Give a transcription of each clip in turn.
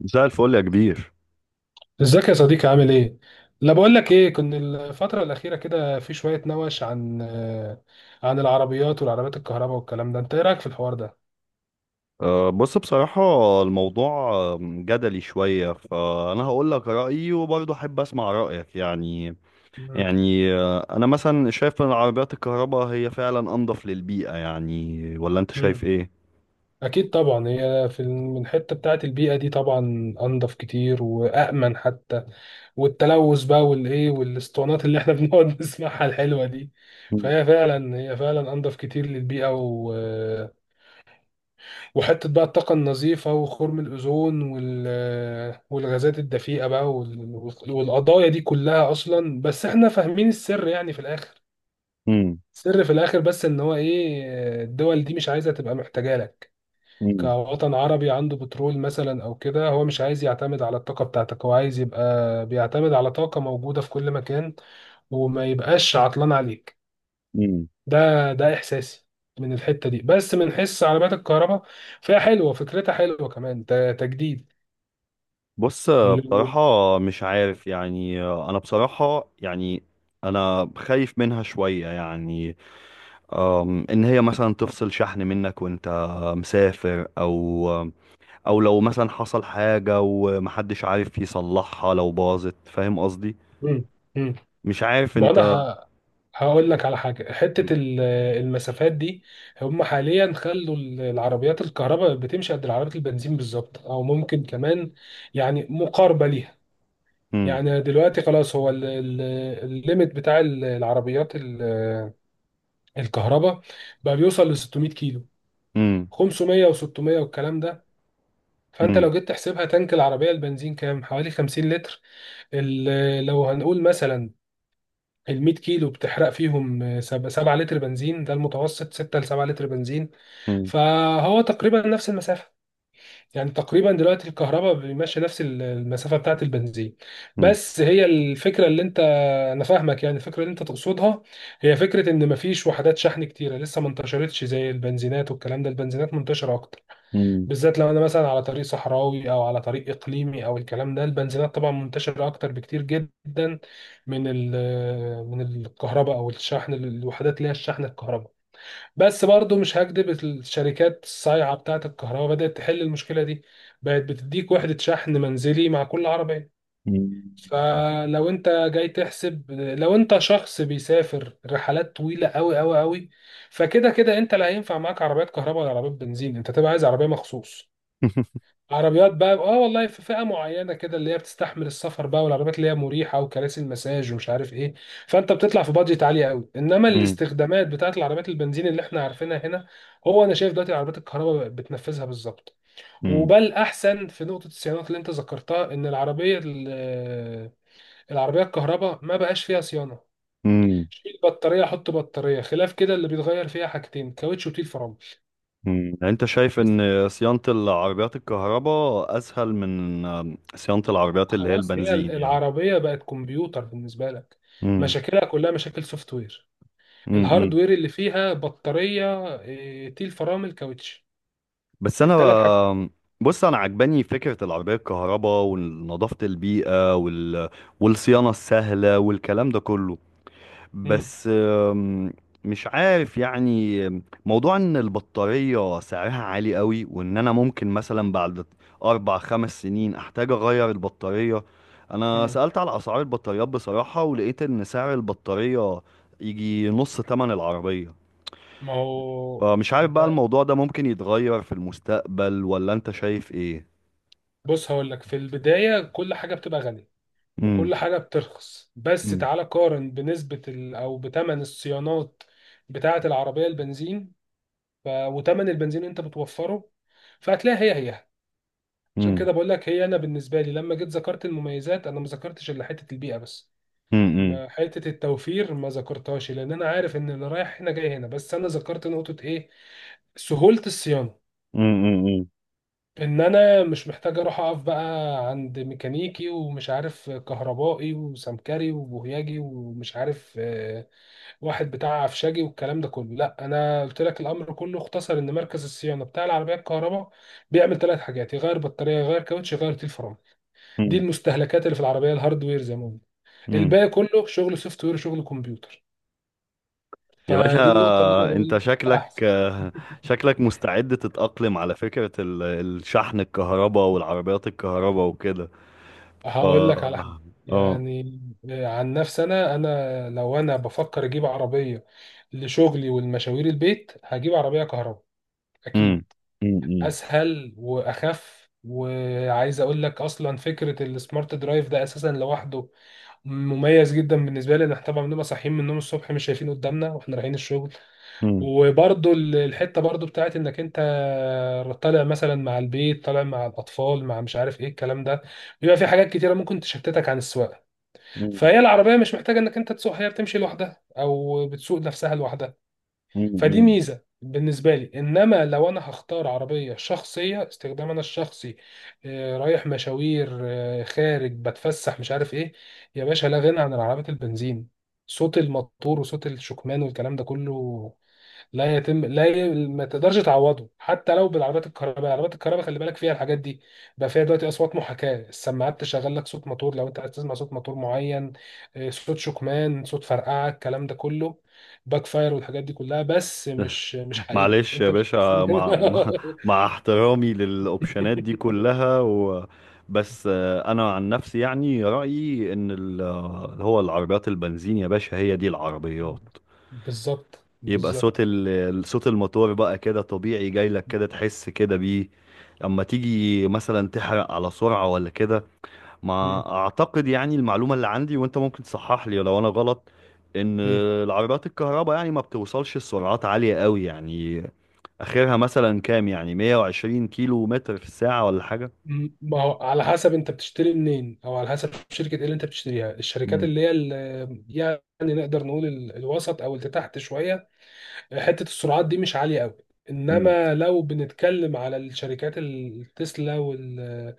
مساء الفل يا كبير. ازيك يا صديقي؟ عامل ايه؟ لا، بقول لك ايه، كنت الفترة الأخيرة كده في شوية نوش عن عن العربيات والعربيات الكهرباء والكلام ده، أنت إيه رأيك في الحوار ده؟ بص، بصراحة الموضوع جدلي شوية، فأنا هقول لك رأيي وبرضه أحب أسمع رأيك يعني. مم. يعني أنا مثلا شايف إن عربيات الكهرباء هي فعلا أنظف للبيئة، يعني ولا أنت شايف مم. إيه؟ أكيد طبعا، هي في الحتة بتاعة البيئة دي طبعا أنضف كتير وأأمن حتى، والتلوث بقى والإيه والأسطوانات اللي إحنا بنقعد نسمعها الحلوة دي، مم، فهي فعلا، هي فعلا أنضف كتير للبيئة، وحتة بقى الطاقة النظيفة وخرم الأوزون والغازات الدفيئة بقى والقضايا دي كلها. أصلا بس إحنا فاهمين السر يعني في الآخر، مم، السر في الآخر بس إن هو إيه، الدول دي مش عايزة تبقى محتاجة لك مم، كوطن عربي عنده بترول مثلا أو كده. هو مش عايز يعتمد على الطاقة بتاعتك، هو عايز يبقى بيعتمد على طاقة موجودة في كل مكان، وما يبقاش عطلان عليك. مم. ده ده احساسي من الحته دي، بس من حس عربيات الكهرباء فيها حلوه، فكرتها حلوه كمان، تجديد. بص، ال- بصراحة مش عارف يعني، أنا بصراحة يعني أنا خايف منها شوية يعني. إن هي مثلا تفصل شحن منك وأنت مسافر، أو لو مثلا حصل حاجة ومحدش عارف يصلحها لو باظت، فاهم قصدي. مم. مم. مش عارف ما انت. انا ه- هقول لك على حاجه. حته المسافات دي، هم حاليا خلوا العربيات الكهرباء بتمشي قد العربيات البنزين بالظبط، او ممكن كمان يعني مقاربه ليها. مم. يعني دلوقتي خلاص، هو الليميت بتاع العربيات الكهرباء بقى بيوصل ل 600 كيلو، مم. 500 و600 والكلام ده. فانت مم. لو جيت تحسبها، تانك العربيه البنزين كام؟ حوالي 50 لتر. لو هنقول مثلا ال 100 كيلو بتحرق فيهم 7 لتر بنزين، ده المتوسط، 6 ل 7 لتر بنزين. مم. فهو تقريبا نفس المسافه، يعني تقريبا دلوقتي الكهرباء بيمشي نفس المسافه بتاعت البنزين. مم. بس هي الفكره اللي انت، انا فاهمك يعني، الفكره اللي انت تقصدها هي فكره ان مفيش وحدات شحن كتيره، لسه ما انتشرتش زي البنزينات والكلام ده. البنزينات منتشره اكتر، مم. بالذات لو انا مثلا على طريق صحراوي او على طريق اقليمي او الكلام ده. البنزينات طبعا منتشره اكتر بكتير جدا من من الكهرباء او الشحن، الوحدات اللي هي الشحن الكهرباء. بس برضو مش هكدب، الشركات الصايعه بتاعه الكهرباء بدات تحل المشكله دي، بقت بتديك وحده شحن منزلي مع كل عربيه. مم. فلو انت جاي تحسب، لو انت شخص بيسافر رحلات طويله قوي قوي قوي، فكده كده انت لا هينفع معاك عربيات كهرباء ولا عربيات بنزين، انت تبقى عايز عربيه مخصوص، عربيات بقى اه والله، في فئه معينه كده اللي هي بتستحمل السفر بقى، والعربيات اللي هي مريحه وكراسي المساج ومش عارف ايه. فانت بتطلع في بادجت عاليه قوي، انما مم. الاستخدامات بتاعت العربيات البنزين اللي احنا عارفينها هنا، هو انا شايف دلوقتي العربيات الكهرباء بتنفذها بالظبط. مم. وبل احسن في نقطه الصيانات اللي انت ذكرتها، ان العربيه العربيه الكهرباء ما بقاش فيها صيانه. مم. شيل بطاريه حط بطاريه، خلاف كده اللي بيتغير فيها حاجتين، كاوتش وتيل فرامل. مم. يعني انت شايف ان صيانة العربيات الكهرباء اسهل من صيانة العربيات اللي هي خلاص، هي البنزين يعني. العربية بقت كمبيوتر بالنسبة لك. مم. مشاكلها كلها مشاكل سوفت وير. مم. الهاردوير اللي فيها بطارية تيل فرامل، كاوتش، بس انا التلات حاجات. بص، انا عجباني فكره العربيه الكهرباء ونظافه البيئه وال... والصيانه السهله والكلام ده كله، مم. بس مش عارف يعني. موضوع ان البطاريه سعرها عالي قوي، وان انا ممكن مثلا بعد 4 5 سنين احتاج اغير البطاريه. انا مم. سالت على اسعار البطاريات بصراحه، ولقيت ان سعر البطاريه يجي نص ثمن العربيه، ما هو، فمش عارف بقى ده الموضوع ده ممكن يتغير في المستقبل ولا انت شايف ايه؟ بص، هقول لك في البداية كل حاجة بتبقى غالية، امم، وكل حاجة بترخص، بس امم، تعالى قارن بنسبة أو بتمن الصيانات بتاعة العربية البنزين، وتمن البنزين اللي أنت بتوفره، فهتلاقي هي. عشان امم، كده بقول لك هي، انا بالنسبه لي لما جيت ذكرت المميزات انا ما ذكرتش الا حته البيئه بس، امم، ما حته التوفير ما ذكرتهاش، لان انا عارف ان اللي رايح هنا جاي هنا، بس انا ذكرت نقطه ايه؟ سهولة الصيانة. امم، إن أنا مش محتاج أروح أقف بقى عند ميكانيكي ومش عارف كهربائي وسمكري وبوهياجي ومش عارف واحد بتاع عفشاجي والكلام ده كله. لأ، أنا قلت لك الأمر كله اختصر، إن مركز الصيانة بتاع العربية الكهرباء بيعمل ثلاث حاجات، يغير بطارية، يغير كاوتش، يغير تيل فرامل. دي امم، المستهلكات اللي في العربيه، الهاردوير زي ما قلنا. امم. الباقي كله شغل سوفت وير، شغل كمبيوتر. يا باشا، فدي النقطه اللي انا بقول انت لك شكلك احسن. شكلك مستعد تتأقلم على فكرة الشحن الكهرباء والعربيات الكهرباء وكده. ف هقول لك على حاجه اه، يعني، عن نفسي انا لو انا بفكر اجيب عربيه لشغلي والمشاوير البيت، هجيب عربيه كهرباء اكيد. امم، امم، اسهل واخف. وعايز اقول لك اصلا، فكره السمارت درايف ده اساسا لوحده مميز جدا بالنسبه لي، ان احنا طبعا بنبقى صاحيين من النوم الصبح مش شايفين قدامنا واحنا رايحين الشغل، امم، وبرضو الحته برضو بتاعت انك انت طالع مثلا مع البيت، طالع مع الاطفال، مع مش عارف ايه الكلام ده، بيبقى في حاجات كتيره ممكن تشتتك عن السواقه، فهي العربيه مش محتاجه انك انت تسوق، هي بتمشي لوحدها او بتسوق نفسها لوحدها. فدي امم. ميزه بالنسبه لي. انما لو انا هختار عربيه شخصيه، استخدام انا الشخصي، رايح مشاوير خارج بتفسح مش عارف ايه، يا باشا لا غنى عن العربيات البنزين. صوت الموتور وصوت الشكمان والكلام ده كله لا يتم، لا ما تقدرش تعوضه حتى لو بالعربيات الكهرباء. العربيات الكهرباء خلي بالك فيها، الحاجات دي بقى فيها دلوقتي، اصوات محاكاه، السماعات تشغل لك صوت موتور لو انت عايز تسمع صوت موتور معين، صوت شكمان، صوت فرقعه، الكلام ده كله، باك فاير والحاجات دي كلها، بس مش مش حقيقي، معلش يا انت مش هتحس باشا، بكده. مع احترامي للاوبشنات دي كلها و... بس انا عن نفسي يعني، رأيي ان اللي هو العربيات البنزين يا باشا هي دي العربيات. بالظبط يبقى صوت بالظبط. ال... صوت الموتور بقى كده طبيعي جاي لك كده تحس كده بيه، اما تيجي مثلا تحرق على سرعة ولا كده. مم. ما اعتقد يعني، المعلومة اللي عندي وانت ممكن تصحح لي لو انا غلط، ان مم. العربيات الكهرباء يعني ما بتوصلش لسرعات عالية قوي يعني، اخرها مثلا كام يعني 120 كيلو متر في الساعة ولا حاجة؟ ما هو على حسب انت بتشتري منين، او على حسب شركه ايه اللي انت بتشتريها. الشركات مم. اللي هي يعني نقدر نقول الوسط او اللي تحت شويه، حته السرعات دي مش عاليه قوي. مم. انما لو بنتكلم على الشركات، التسلا وال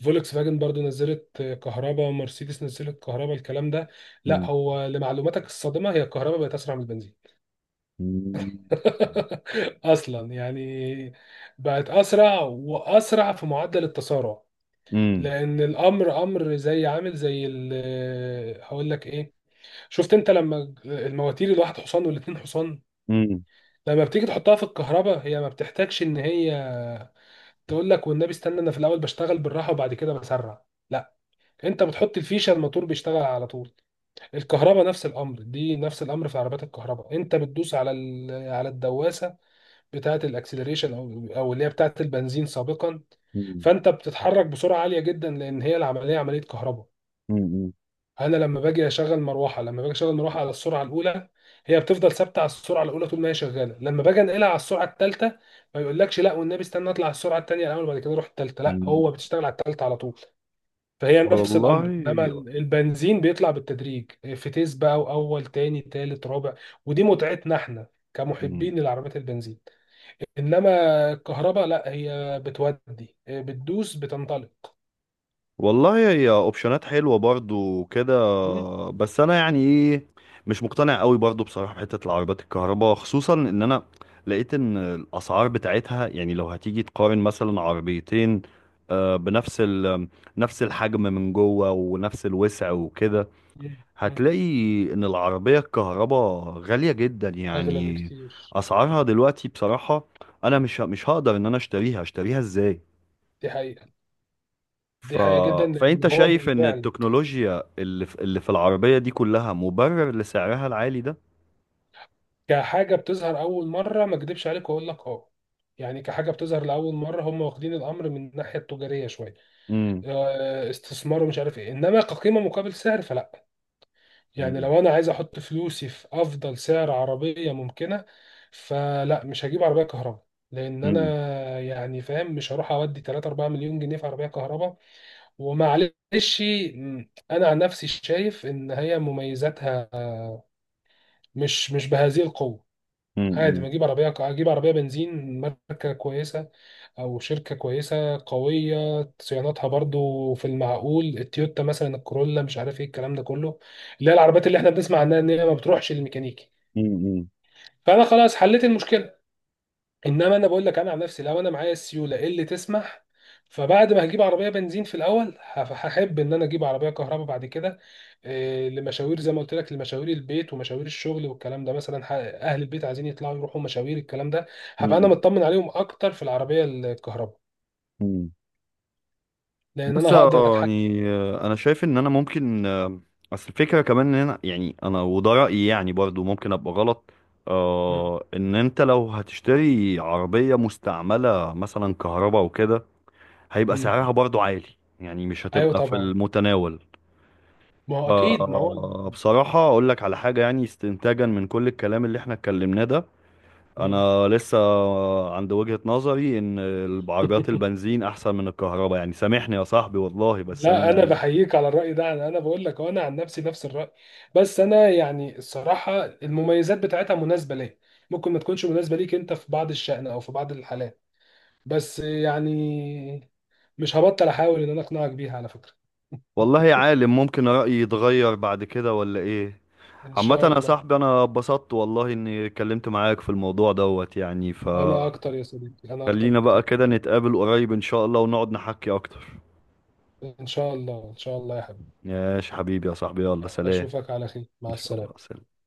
فولكس فاجن برضو نزلت كهرباء، مرسيدس نزلت كهرباء، الكلام ده، لا، مم. هو لمعلوماتك الصادمة، هي الكهرباء بقت أسرع من البنزين. مم. أصلا يعني، بقت أسرع، وأسرع في معدل التسارع. مم. لان الامر، امر زي عامل زي هقول لك ايه، شفت انت لما المواتير الواحد حصان والاتنين حصان مم. لما بتيجي تحطها في الكهرباء، هي ما بتحتاجش ان هي تقول لك والنبي استنى انا في الاول بشتغل بالراحه وبعد كده بسرع، لا، انت بتحط الفيشه، الموتور بيشتغل على طول. الكهرباء نفس الامر، دي نفس الامر في عربيات الكهرباء. انت بتدوس على على الدواسه بتاعه الاكسلريشن، او اللي هي بتاعه البنزين سابقا، مم. فانت بتتحرك بسرعه عاليه جدا، لان هي العمليه عمليه كهرباء. مم. انا لما باجي اشغل مروحه، على السرعه الاولى، هي بتفضل ثابته على السرعه الاولى طول ما هي شغاله. لما باجي انقلها على السرعه الثالثه، ما يقولكش لا والنبي استنى اطلع على السرعه الثانيه الاول وبعد كده اروح الثالثه، لا، مم. هو بتشتغل على الثالثه على طول. فهي نفس الامر، انما والله. البنزين بيطلع بالتدريج، فتيس بقى، واول تاني تالت رابع، ودي متعتنا احنا مم. كمحبين للعربيات البنزين. انما الكهرباء لا، هي بتودي، بتدوس بتنطلق. والله، هي اوبشنات حلوه برضو كده، مم. بس انا يعني ايه، مش مقتنع قوي برضو بصراحه بحته العربيات الكهرباء، خصوصا ان انا لقيت ان الاسعار بتاعتها يعني، لو هتيجي تقارن مثلا عربيتين بنفس نفس الحجم من جوه ونفس الوسع وكده، مم. مم. هتلاقي ان العربيه الكهرباء غاليه جدا اغلى يعني. بكتير. اسعارها دلوقتي بصراحه، انا مش مش هقدر ان انا اشتريها ازاي؟ دي حقيقة، ف... دي حقيقة جدا، لأن فأنت هو شايف إن بيبيعني التكنولوجيا اللي في العربية دي كلها مبرر لسعرها العالي ده؟ كحاجة بتظهر أول مرة. ما أكدبش عليك وأقول لك أه، يعني كحاجة بتظهر لأول مرة هم واخدين الأمر من الناحية التجارية شوية، مم. استثمار ومش عارف إيه، إنما كقيمة مقابل سعر فلا. يعني مم. لو أنا عايز أحط فلوسي في أفضل سعر عربية ممكنة، فلا، مش هجيب عربية كهرباء، لأن أنا مم. يعني فاهم مش هروح أودي 3 4 مليون جنيه في عربية كهرباء، ومعلش. م، أنا عن نفسي شايف إن هي مميزاتها مش بهذه القوة. عادي مم. ما اجيب عربيه، اجيب عربيه بنزين ماركه كويسه او شركه كويسه قويه، صيانتها برضو في المعقول، التويوتا مثلا الكورولا مش عارف ايه الكلام ده كله، اللي هي العربيات اللي احنا بنسمع عنها ان هي ما بتروحش للميكانيكي، مم. فانا خلاص حليت المشكله. انما انا بقول لك انا عن نفسي، لو انا معايا السيوله اللي تسمح، فبعد ما هجيب عربيه بنزين في الاول، هحب ان انا اجيب عربيه كهرباء بعد كده، لمشاوير، زي ما قلت لك، لمشاوير البيت ومشاوير الشغل والكلام ده، مثلا اهل البيت عايزين يطلعوا يروحوا مشاوير الكلام ده، هبقى انا مم. مطمن عليهم اكتر في العربيه الكهرباء، مم. لان انا بص هقدر اتحكم. يعني أنا شايف إن أنا ممكن أصل الفكرة كمان إن أنا يعني، أنا وده رأيي يعني برضو ممكن أبقى غلط. مم. آه، إن أنت لو هتشتري عربية مستعملة مثلا كهرباء وكده هيبقى مم. سعرها برضو عالي، يعني مش ايوه هتبقى في طبعا، المتناول. ما هو اكيد ما هو آه، بصراحة أقول لك على حاجة يعني، استنتاجا من كل الكلام اللي احنا اتكلمناه ده، مم. أنا لسه عند وجهة نظري إن العربيات البنزين أحسن من الكهرباء، يعني سامحني يا صاحبي والله، بس لا أنا انا يعني. بحييك على الراي ده. انا، أنا بقول لك انا عن نفسي نفس الراي، بس انا يعني الصراحه المميزات بتاعتها مناسبه ليا، ممكن ما تكونش مناسبه ليك انت في بعض الشأن او في بعض الحالات، بس يعني مش هبطل احاول ان انا اقنعك بيها على فكره. والله يا عالم ممكن رأيي يتغير بعد كده ولا إيه؟ ان عامة شاء يا الله. صاحبي، أنا اتبسطت والله إني اتكلمت معاك في الموضوع دوت يعني، انا فخلينا اكتر يا صديقي، انا اكتر بقى بكتير. كده نتقابل قريب إن شاء الله ونقعد نحكي أكتر. ان شاء الله، ان شاء الله يا حبيبي. ماشي حبيبي يا صاحبي، يلا سلام. اشوفك على خير، مع إن شاء السلامه. الله، سلام.